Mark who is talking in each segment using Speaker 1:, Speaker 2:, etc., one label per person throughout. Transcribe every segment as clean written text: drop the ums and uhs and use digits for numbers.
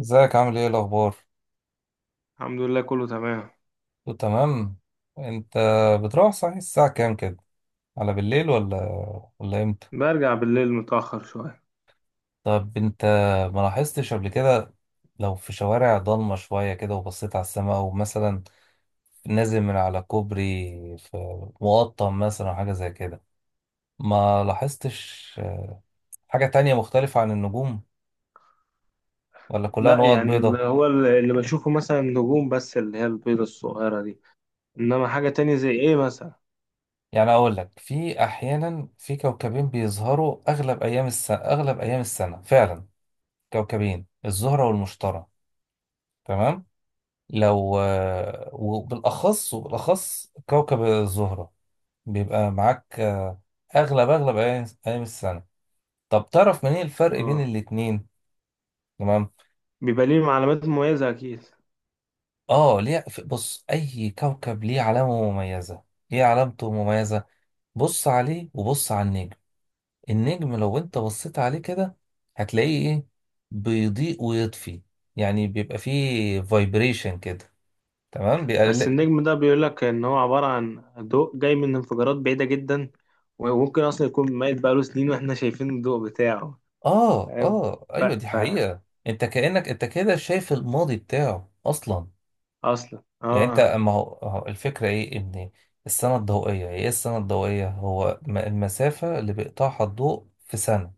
Speaker 1: ازيك عامل ايه الاخبار؟
Speaker 2: الحمد لله، كله تمام.
Speaker 1: كله تمام. انت بتروح صحيح الساعه كام كده؟ على بالليل ولا امتى؟
Speaker 2: برجع بالليل متأخر شوية.
Speaker 1: طب انت ما لاحظتش قبل كده، لو في شوارع ضلمه شويه كده وبصيت على السماء او مثلا نازل من على كوبري في مقطم مثلا او حاجه زي كده، ما لاحظتش حاجه تانية مختلفه عن النجوم، ولا كلها
Speaker 2: لا،
Speaker 1: نقط
Speaker 2: يعني اللي
Speaker 1: بيضاء؟
Speaker 2: هو اللي اللي بشوفه مثلا نجوم، بس اللي هي البيضة الصغيرة دي. إنما حاجة تانية زي إيه مثلا؟
Speaker 1: يعني اقول لك في احيانا في كوكبين بيظهروا اغلب ايام السنه فعلا، كوكبين، الزهرة والمشتري. تمام. لو وبالأخص كوكب الزهرة بيبقى معاك، أغلب أيام السنة. طب تعرف منين الفرق بين
Speaker 2: اه،
Speaker 1: الاتنين؟ تمام.
Speaker 2: بيبقى ليه علامات مميزة أكيد.
Speaker 1: آه ليه، بص، أي كوكب ليه علامة مميزة، ليه علامته مميزة. بص عليه وبص على النجم. النجم لو أنت بصيت عليه كده، هتلاقيه إيه؟ بيضيء ويطفي، يعني بيبقى فيه فايبريشن كده. تمام.
Speaker 2: بس النجم ده بيقول لك إن هو عبارة عن ضوء جاي من انفجارات بعيدة جدا، وممكن أصلا يكون ميت بقاله سنين وإحنا شايفين الضوء بتاعه.
Speaker 1: اه،
Speaker 2: فاهم.
Speaker 1: اه،
Speaker 2: ف...
Speaker 1: ايوه، دي
Speaker 2: ف...
Speaker 1: حقيقة. انت كأنك انت كده شايف الماضي بتاعه اصلا.
Speaker 2: أصلا
Speaker 1: يعني انت
Speaker 2: اه.
Speaker 1: اما هو الفكرة ايه، ان السنة الضوئية ايه؟ السنة الضوئية هو المسافة اللي بيقطعها الضوء في سنة.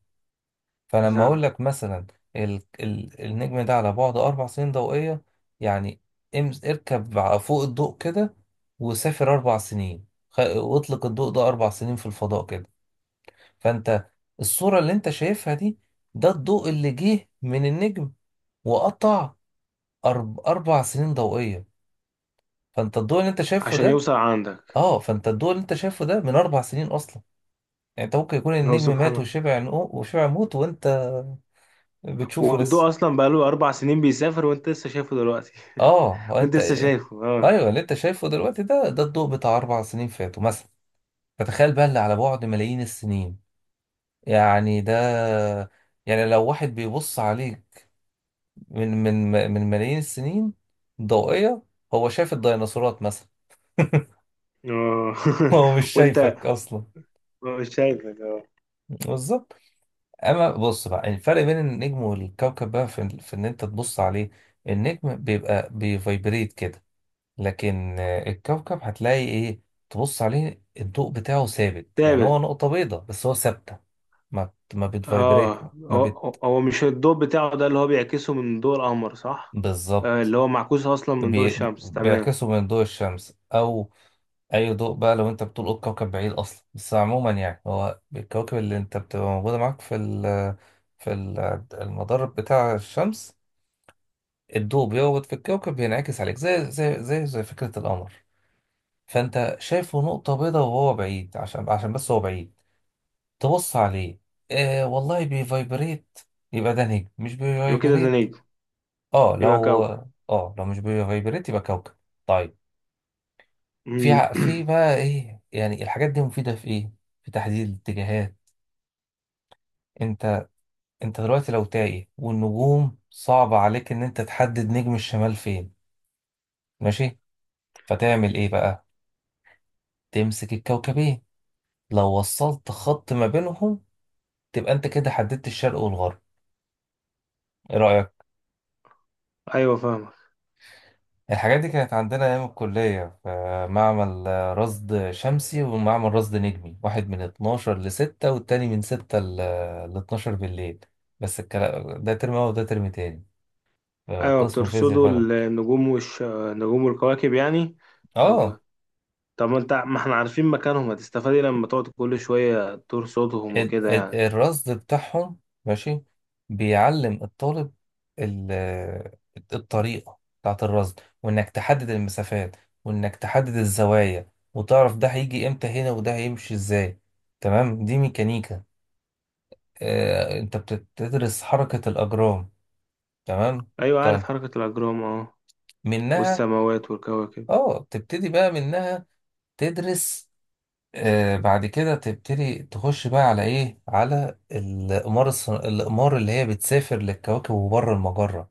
Speaker 2: بس
Speaker 1: فلما اقول
Speaker 2: أنا،
Speaker 1: لك مثلا النجم ده على بعد 4 سنين ضوئية، يعني اركب فوق الضوء كده، وسافر 4 سنين واطلق الضوء ده 4 سنين في الفضاء كده، فانت الصورة اللي انت شايفها دي، ده الضوء اللي جه من النجم وقطع 4 سنين ضوئية. فانت الضوء اللي انت شايفه
Speaker 2: عشان
Speaker 1: ده،
Speaker 2: يوصل عندك.
Speaker 1: اه، فانت الضوء اللي انت شايفه ده من 4 سنين أصلا. يعني انت ممكن يكون
Speaker 2: هو
Speaker 1: النجم مات
Speaker 2: سبحانه،
Speaker 1: وشبع، وشبع موت، وانت بتشوفه لسه.
Speaker 2: والضوء اصلا بقاله 4 سنين بيسافر وانت لسه شايفه دلوقتي.
Speaker 1: اه، هو
Speaker 2: وانت
Speaker 1: انت.
Speaker 2: لسه شايفه، اه.
Speaker 1: ايوه، اللي انت شايفه دلوقتي ده الضوء بتاع 4 سنين فاتوا مثلا. فتخيل بقى اللي على بعد ملايين السنين. يعني ده، يعني لو واحد بيبص عليك من ملايين السنين ضوئية، هو شايف الديناصورات مثلا.
Speaker 2: اه.
Speaker 1: هو مش
Speaker 2: وانت
Speaker 1: شايفك أصلا.
Speaker 2: مش شايفك، اه.
Speaker 1: بالظبط. أما بص بقى الفرق بين النجم والكوكب بقى في إن أنت تبص عليه. النجم بيبقى بيفايبريت كده، لكن الكوكب هتلاقي إيه؟ تبص عليه الضوء بتاعه ثابت، يعني هو
Speaker 2: ثابت.
Speaker 1: نقطة بيضاء بس هو ثابتة. ما بتفايبريت.
Speaker 2: اه،
Speaker 1: ما
Speaker 2: هو
Speaker 1: بت
Speaker 2: هو مش الضوء بتاعه ده اللي هو بيعكسه من ضوء القمر، صح؟ آه،
Speaker 1: بالظبط.
Speaker 2: اللي هو معكوس اصلا من ضوء الشمس، تمام.
Speaker 1: بيعكسوا من ضوء الشمس، أو اي ضوء بقى لو انت بتطول الكوكب بعيد اصلا، بس عموما يعني هو الكواكب اللي انت بتبقى موجوده معاك في ال- المدار بتاع الشمس. الضوء بيقعد في الكوكب بينعكس عليك، زي فكره القمر، فانت شايفه نقطه بيضاء وهو بعيد، عشان بس هو بعيد. تبص عليه، آه والله بيفايبريت، يبقى ده نجم، مش
Speaker 2: يبقى كده ده
Speaker 1: بيفايبريت.
Speaker 2: نجم.
Speaker 1: اه،
Speaker 2: يبقى
Speaker 1: لو.
Speaker 2: كوكب.
Speaker 1: اه، لو مش بيفايبريت يبقى كوكب. طيب. في
Speaker 2: مم.
Speaker 1: في بقى ايه يعني الحاجات دي مفيده في ايه؟ في تحديد الاتجاهات. انت انت دلوقتي لو تايه والنجوم، صعب عليك ان انت تحدد نجم الشمال فين، ماشي، فتعمل ايه بقى؟ تمسك الكوكبين، لو وصلت خط ما بينهم، تبقى انت كده حددت الشرق والغرب. ايه رأيك؟
Speaker 2: ايوه، فاهمك.
Speaker 1: الحاجات دي كانت عندنا ايام الكلية في معمل رصد شمسي ومعمل رصد نجمي، واحد من 12 ل 6 والتاني من 6 ل 12 بالليل. بس الكلام ده ترم اول وده ترم تاني.
Speaker 2: ايوه،
Speaker 1: قسم فيزياء
Speaker 2: بترصدوا
Speaker 1: فلك.
Speaker 2: النجوم والكواكب يعني.
Speaker 1: اه.
Speaker 2: طب طب، ما احنا عارفين مكانهم، هتستفاد إيه لما تقعد كل شويه ترصدهم وكده يعني؟
Speaker 1: الرصد بتاعهم، ماشي، بيعلم الطالب ال- الطريقة بتاعت الرصد، وإنك تحدد المسافات، وإنك تحدد الزوايا، وتعرف ده هيجي إمتى هنا وده هيمشي إزاي. تمام، دي ميكانيكا. أنت بتدرس حركة الأجرام. تمام.
Speaker 2: ايوه، عارف
Speaker 1: طيب
Speaker 2: حركة الاجرام، اه.
Speaker 1: منها،
Speaker 2: والسماوات والكواكب.
Speaker 1: تبتدي بقى منها تدرس. بعد كده تبتدي تخش بقى على ايه؟ على الأقمار، الأقمار اللي هي بتسافر للكواكب وبره المجرة.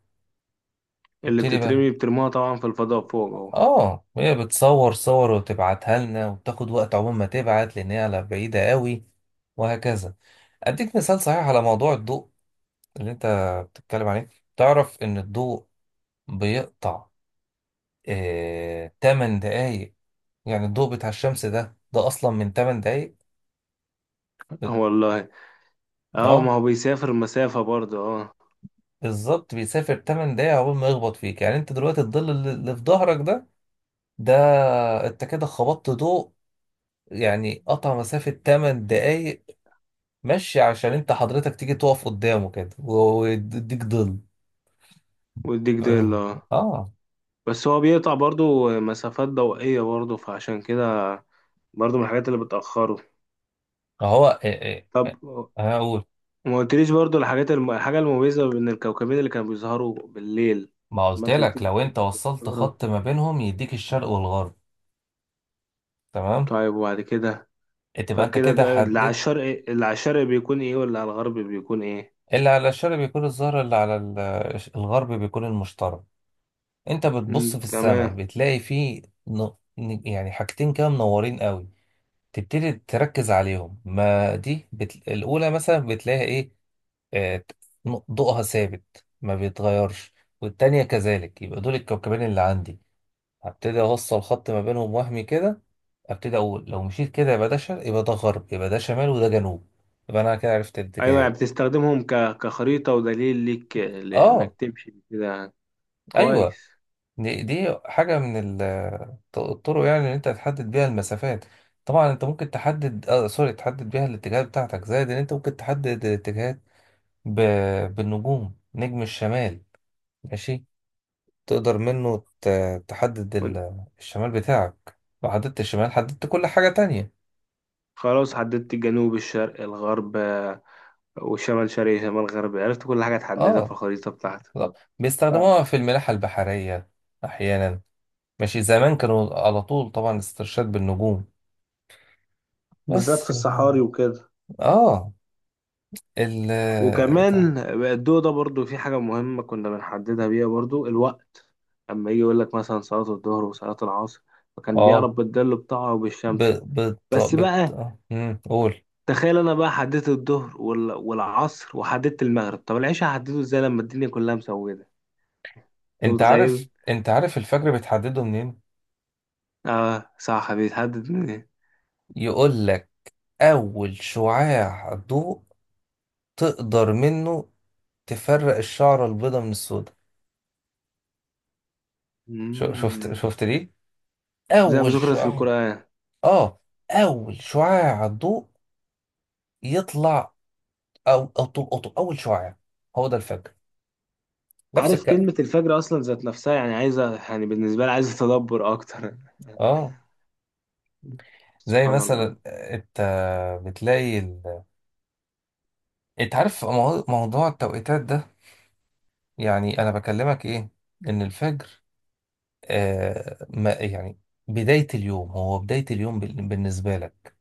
Speaker 2: اللي
Speaker 1: تبتدي بقى،
Speaker 2: بترموها طبعا في الفضاء فوق، اه.
Speaker 1: اه، هي بتصور صور وتبعتها لنا، وبتاخد وقت عقبال ما تبعت، لأن هي على بعيدة قوي، وهكذا. أديك مثال صحيح على موضوع الضوء اللي أنت بتتكلم عليه. تعرف إن الضوء بيقطع 8 دقايق؟ يعني الضوء بتاع الشمس ده أصلا من 8 دقايق.
Speaker 2: آه، والله. اه، ما
Speaker 1: اه،
Speaker 2: هو بيسافر مسافة برضه، اه.
Speaker 1: بالظبط، بيسافر 8 دقايق عقبال ما يخبط فيك. يعني انت دلوقتي الظل اللي في ظهرك ده، ده انت كده خبطت ضوء، يعني قطع مسافة 8 دقايق مشي، عشان انت حضرتك تيجي تقف قدامه كده ويديك ظل.
Speaker 2: والديك ديل،
Speaker 1: اه.
Speaker 2: اه.
Speaker 1: آه.
Speaker 2: بس هو بيقطع برضه مسافات ضوئية برضه، فعشان كده برضه من الحاجات اللي بتأخره.
Speaker 1: هو إيه؟
Speaker 2: طب،
Speaker 1: انا اقول،
Speaker 2: ما قلتليش برضه الحاجات الحاجة المميزة بين الكوكبين اللي كانوا بيظهروا بالليل.
Speaker 1: ما
Speaker 2: لما
Speaker 1: قلت
Speaker 2: انت قلت
Speaker 1: لك
Speaker 2: لي
Speaker 1: لو انت
Speaker 2: كوكب
Speaker 1: وصلت
Speaker 2: الزهرة.
Speaker 1: خط ما بينهم يديك الشرق والغرب، تمام؟
Speaker 2: طيب، وبعد كده؟
Speaker 1: تبقى انت
Speaker 2: فكده
Speaker 1: كده
Speaker 2: ده اللي على
Speaker 1: حددت.
Speaker 2: الشرق اللي على الشرق بيكون ايه، واللي على الغرب بيكون ايه؟
Speaker 1: اللي على الشرق بيكون الزهرة، اللي على الغرب بيكون المشترك. انت بتبص
Speaker 2: مم،
Speaker 1: في السماء
Speaker 2: تمام.
Speaker 1: بتلاقي فيه يعني حاجتين كده منورين قوي، تبتدي تركز عليهم، ما دي الاولى مثلا بتلاقي ايه؟ آه... ت- ضوءها ثابت ما بيتغيرش، والتانية كذلك، يبقى دول الكوكبين اللي عندي. هبتدي اوصل خط ما بينهم وهمي كده، ابتدي اقول لو مشيت كده يبقى ده شرق، يبقى ده غرب، يبقى ده شمال، وده جنوب. يبقى انا كده عرفت
Speaker 2: ايوه، يعني
Speaker 1: الاتجاهات.
Speaker 2: بتستخدمهم كخريطة ودليل ليك لانك
Speaker 1: اه.
Speaker 2: تمشي كده.
Speaker 1: ايوه.
Speaker 2: كويس.
Speaker 1: دي حاجة من الطرق، يعني إن أنت تحدد بيها المسافات. طبعا أنت ممكن تحدد، آه سوري تحدد بيها الاتجاهات بتاعتك، زائد إن أنت ممكن تحدد الاتجاهات ب... بالنجوم، نجم الشمال، ماشي، تقدر منه تحدد
Speaker 2: وإن-
Speaker 1: الشمال بتاعك. لو حددت الشمال، حددت كل حاجة تانية.
Speaker 2: خلاص، حددت الجنوب، الشرق، الغرب، والشمال شرقي، شمال غربي. عرفت كل حاجة تحددها في
Speaker 1: اه،
Speaker 2: الخريطة بتاعتك.
Speaker 1: بالظبط.
Speaker 2: فاهم.
Speaker 1: بيستخدموها في الملاحة البحرية أحيانا. ماشي، زمان كانوا على طول طبعا استرشاد بالنجوم.
Speaker 2: بالذات في
Speaker 1: بس.
Speaker 2: الصحاري وكده.
Speaker 1: اه. ال
Speaker 2: وكمان بقى الضوء ده برضو في حاجة مهمة كنا بنحددها بيها برضو، الوقت. أما يجي يقول لك مثلا صلاة الظهر وصلاة العصر، فكان بيعرف
Speaker 1: اه
Speaker 2: بالظل بتاعه
Speaker 1: ب...
Speaker 2: وبالشمس.
Speaker 1: بت...
Speaker 2: بس
Speaker 1: بت...
Speaker 2: بقى،
Speaker 1: آه، مم. قول.
Speaker 2: تخيل انا بقى حددت الظهر والعصر وحددت المغرب، طب العشاء هحدده ازاي لما الدنيا كلها مسودة؟ انت
Speaker 1: انت عارف
Speaker 2: متخيل.
Speaker 1: انت عارف الفجر بتحدده منين؟
Speaker 2: اه، صح، بيتحدد من ايه؟
Speaker 1: يقول لك اول شعاع ضوء تقدر منه تفرق الشعرة البيضاء من السوداء. شفت
Speaker 2: مم.
Speaker 1: شفت دي،
Speaker 2: زي ما
Speaker 1: اول
Speaker 2: ذكرت في
Speaker 1: شعاع.
Speaker 2: القرآن.
Speaker 1: اه. اول شعاع ضوء يطلع، او او طول أو طول- اول شعاع، هو ده الفجر. نفس
Speaker 2: عارف
Speaker 1: الكلام.
Speaker 2: كلمة الفجر أصلا ذات نفسها، يعني عايزة، يعني بالنسبة لي عايزة تدبر أكتر.
Speaker 1: اه. زي
Speaker 2: سبحان الله.
Speaker 1: مثلا، انت بتلاقي انت عارف موضوع التوقيتات ده، يعني انا بكلمك ايه؟ ان الفجر، ما يعني بداية اليوم، هو بداية اليوم بالنسبة لك،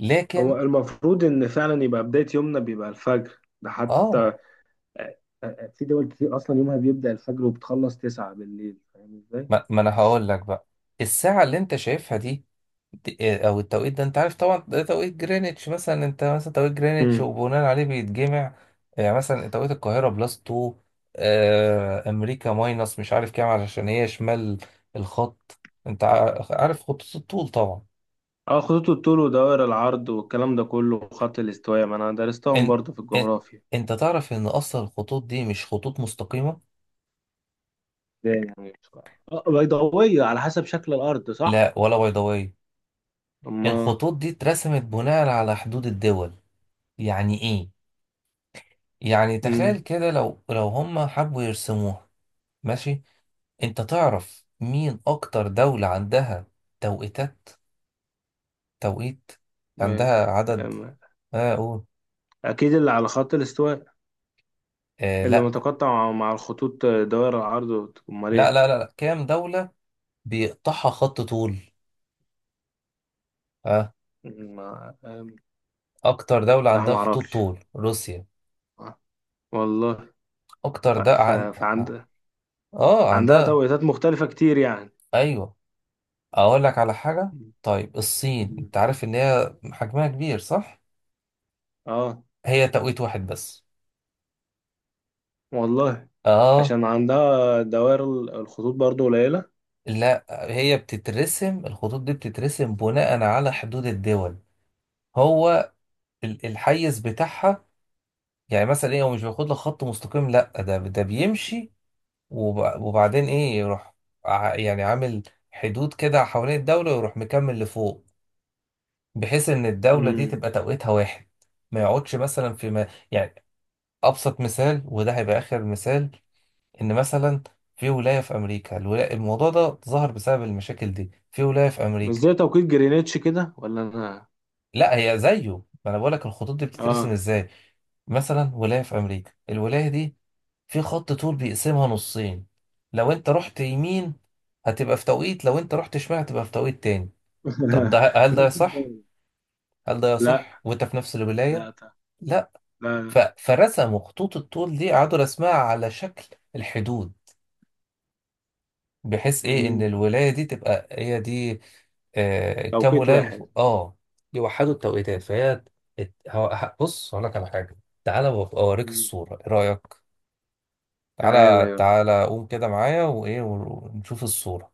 Speaker 1: لكن.
Speaker 2: هو المفروض إن فعلا يبقى بداية يومنا بيبقى الفجر ده
Speaker 1: اه.
Speaker 2: حتى. في دول كتير أصلا يومها بيبدأ الفجر وبتخلص 9 بالليل، فاهم إزاي؟
Speaker 1: ما انا هقول لك بقى، الساعة اللي انت شايفها دي، او التوقيت ده، انت عارف طبعا ده توقيت جرeenwich مثلا، انت مثلا توقيت جرeenwich، وبناء عليه بيتجمع. يعني مثلا توقيت القاهرة بلس 2، امريكا ماينس مش عارف كام، علشان هي شمال الخط. انت عارف خطوط الطول طبعا،
Speaker 2: اه، خطوط الطول ودوائر العرض والكلام ده كله وخط الاستواء، ما انا درستهم
Speaker 1: ان
Speaker 2: برضه في
Speaker 1: ان
Speaker 2: الجغرافيا.
Speaker 1: انت تعرف ان اصلا الخطوط دي مش خطوط مستقيمة.
Speaker 2: ده يعني بيضاوية على حسب شكل الارض، صح؟
Speaker 1: لا، ولا بيضاوية،
Speaker 2: اما
Speaker 1: الخطوط دي اترسمت بناء على حدود الدول. يعني ايه؟ يعني تخيل
Speaker 2: امم
Speaker 1: كده، لو هم حبوا يرسموها، ماشي. انت تعرف مين اكتر دولة عندها توقيتات؟ توقيت
Speaker 2: ما-
Speaker 1: عندها عدد.
Speaker 2: أما-
Speaker 1: اه قول.
Speaker 2: اكيد اللي على خط الاستواء، اللي
Speaker 1: لا،
Speaker 2: متقطع مع الخطوط، دوائر العرض، امال
Speaker 1: لا،
Speaker 2: ايه؟
Speaker 1: لا، لا، لا. كام دولة بيقطعها خط طول؟ اه.
Speaker 2: أمم، ما أم،
Speaker 1: اكتر دولة
Speaker 2: لا، ما
Speaker 1: عندها خطوط
Speaker 2: اعرفش،
Speaker 1: طول روسيا.
Speaker 2: والله.
Speaker 1: اكتر
Speaker 2: ف...
Speaker 1: ده
Speaker 2: ف... فعند
Speaker 1: اه،
Speaker 2: عندها
Speaker 1: عندها.
Speaker 2: توقيتات مختلفة كتير يعني.
Speaker 1: ايوه، اقول لك على حاجه. طيب الصين،
Speaker 2: مم.
Speaker 1: انت عارف ان هي حجمها كبير، صح؟
Speaker 2: اه،
Speaker 1: هي توقيت واحد بس.
Speaker 2: والله،
Speaker 1: اه.
Speaker 2: عشان عندها دوائر، الخطوط برضو قليلة.
Speaker 1: لا، هي بتترسم الخطوط دي بتترسم بناء على حدود الدول، هو الحيز بتاعها. يعني مثلا ايه، هو مش بياخد لك خط مستقيم، لا ده بيمشي وبعدين ايه، يروح، يعني عامل حدود كده حوالين الدوله ويروح مكمل لفوق، بحيث ان الدوله دي
Speaker 2: امم
Speaker 1: تبقى توقيتها واحد، ما يقعدش مثلا في، ما يعني، ابسط مثال وده هيبقى اخر مثال، ان مثلا في ولايه في امريكا، الولاية، الموضوع ده ظهر بسبب المشاكل دي، في ولايه في
Speaker 2: مش
Speaker 1: امريكا.
Speaker 2: زي توقيت جرينتش كده، ولا انا؟
Speaker 1: لا، هي زيه. ما انا بقول لك الخطوط دي بتترسم
Speaker 2: اه.
Speaker 1: ازاي. مثلا ولايه في امريكا، الولايه دي في خط طول بيقسمها نصين، لو انت رحت يمين هتبقى في توقيت، لو انت رحت شمال هتبقى في توقيت تاني. طب هل ده صح؟ هل ده
Speaker 2: لا
Speaker 1: يصح وانت في نفس الولايه؟
Speaker 2: لا لا
Speaker 1: لا.
Speaker 2: لا لا.
Speaker 1: فرسموا خطوط الطول دي، قعدوا رسمها على شكل الحدود، بحيث ايه ان
Speaker 2: مم.
Speaker 1: الولايه دي تبقى هي دي. كام
Speaker 2: توقيت
Speaker 1: ولايه اللي
Speaker 2: واحد.
Speaker 1: فوق؟ اه. يوحدوا التوقيتات، فهي بص هقول لك على حاجه، تعالى وأبقى اوريك
Speaker 2: مم.
Speaker 1: الصوره، ايه رايك؟ تعالى
Speaker 2: تعالى.
Speaker 1: تعالى، قوم كده معايا وايه ونشوف الصوره.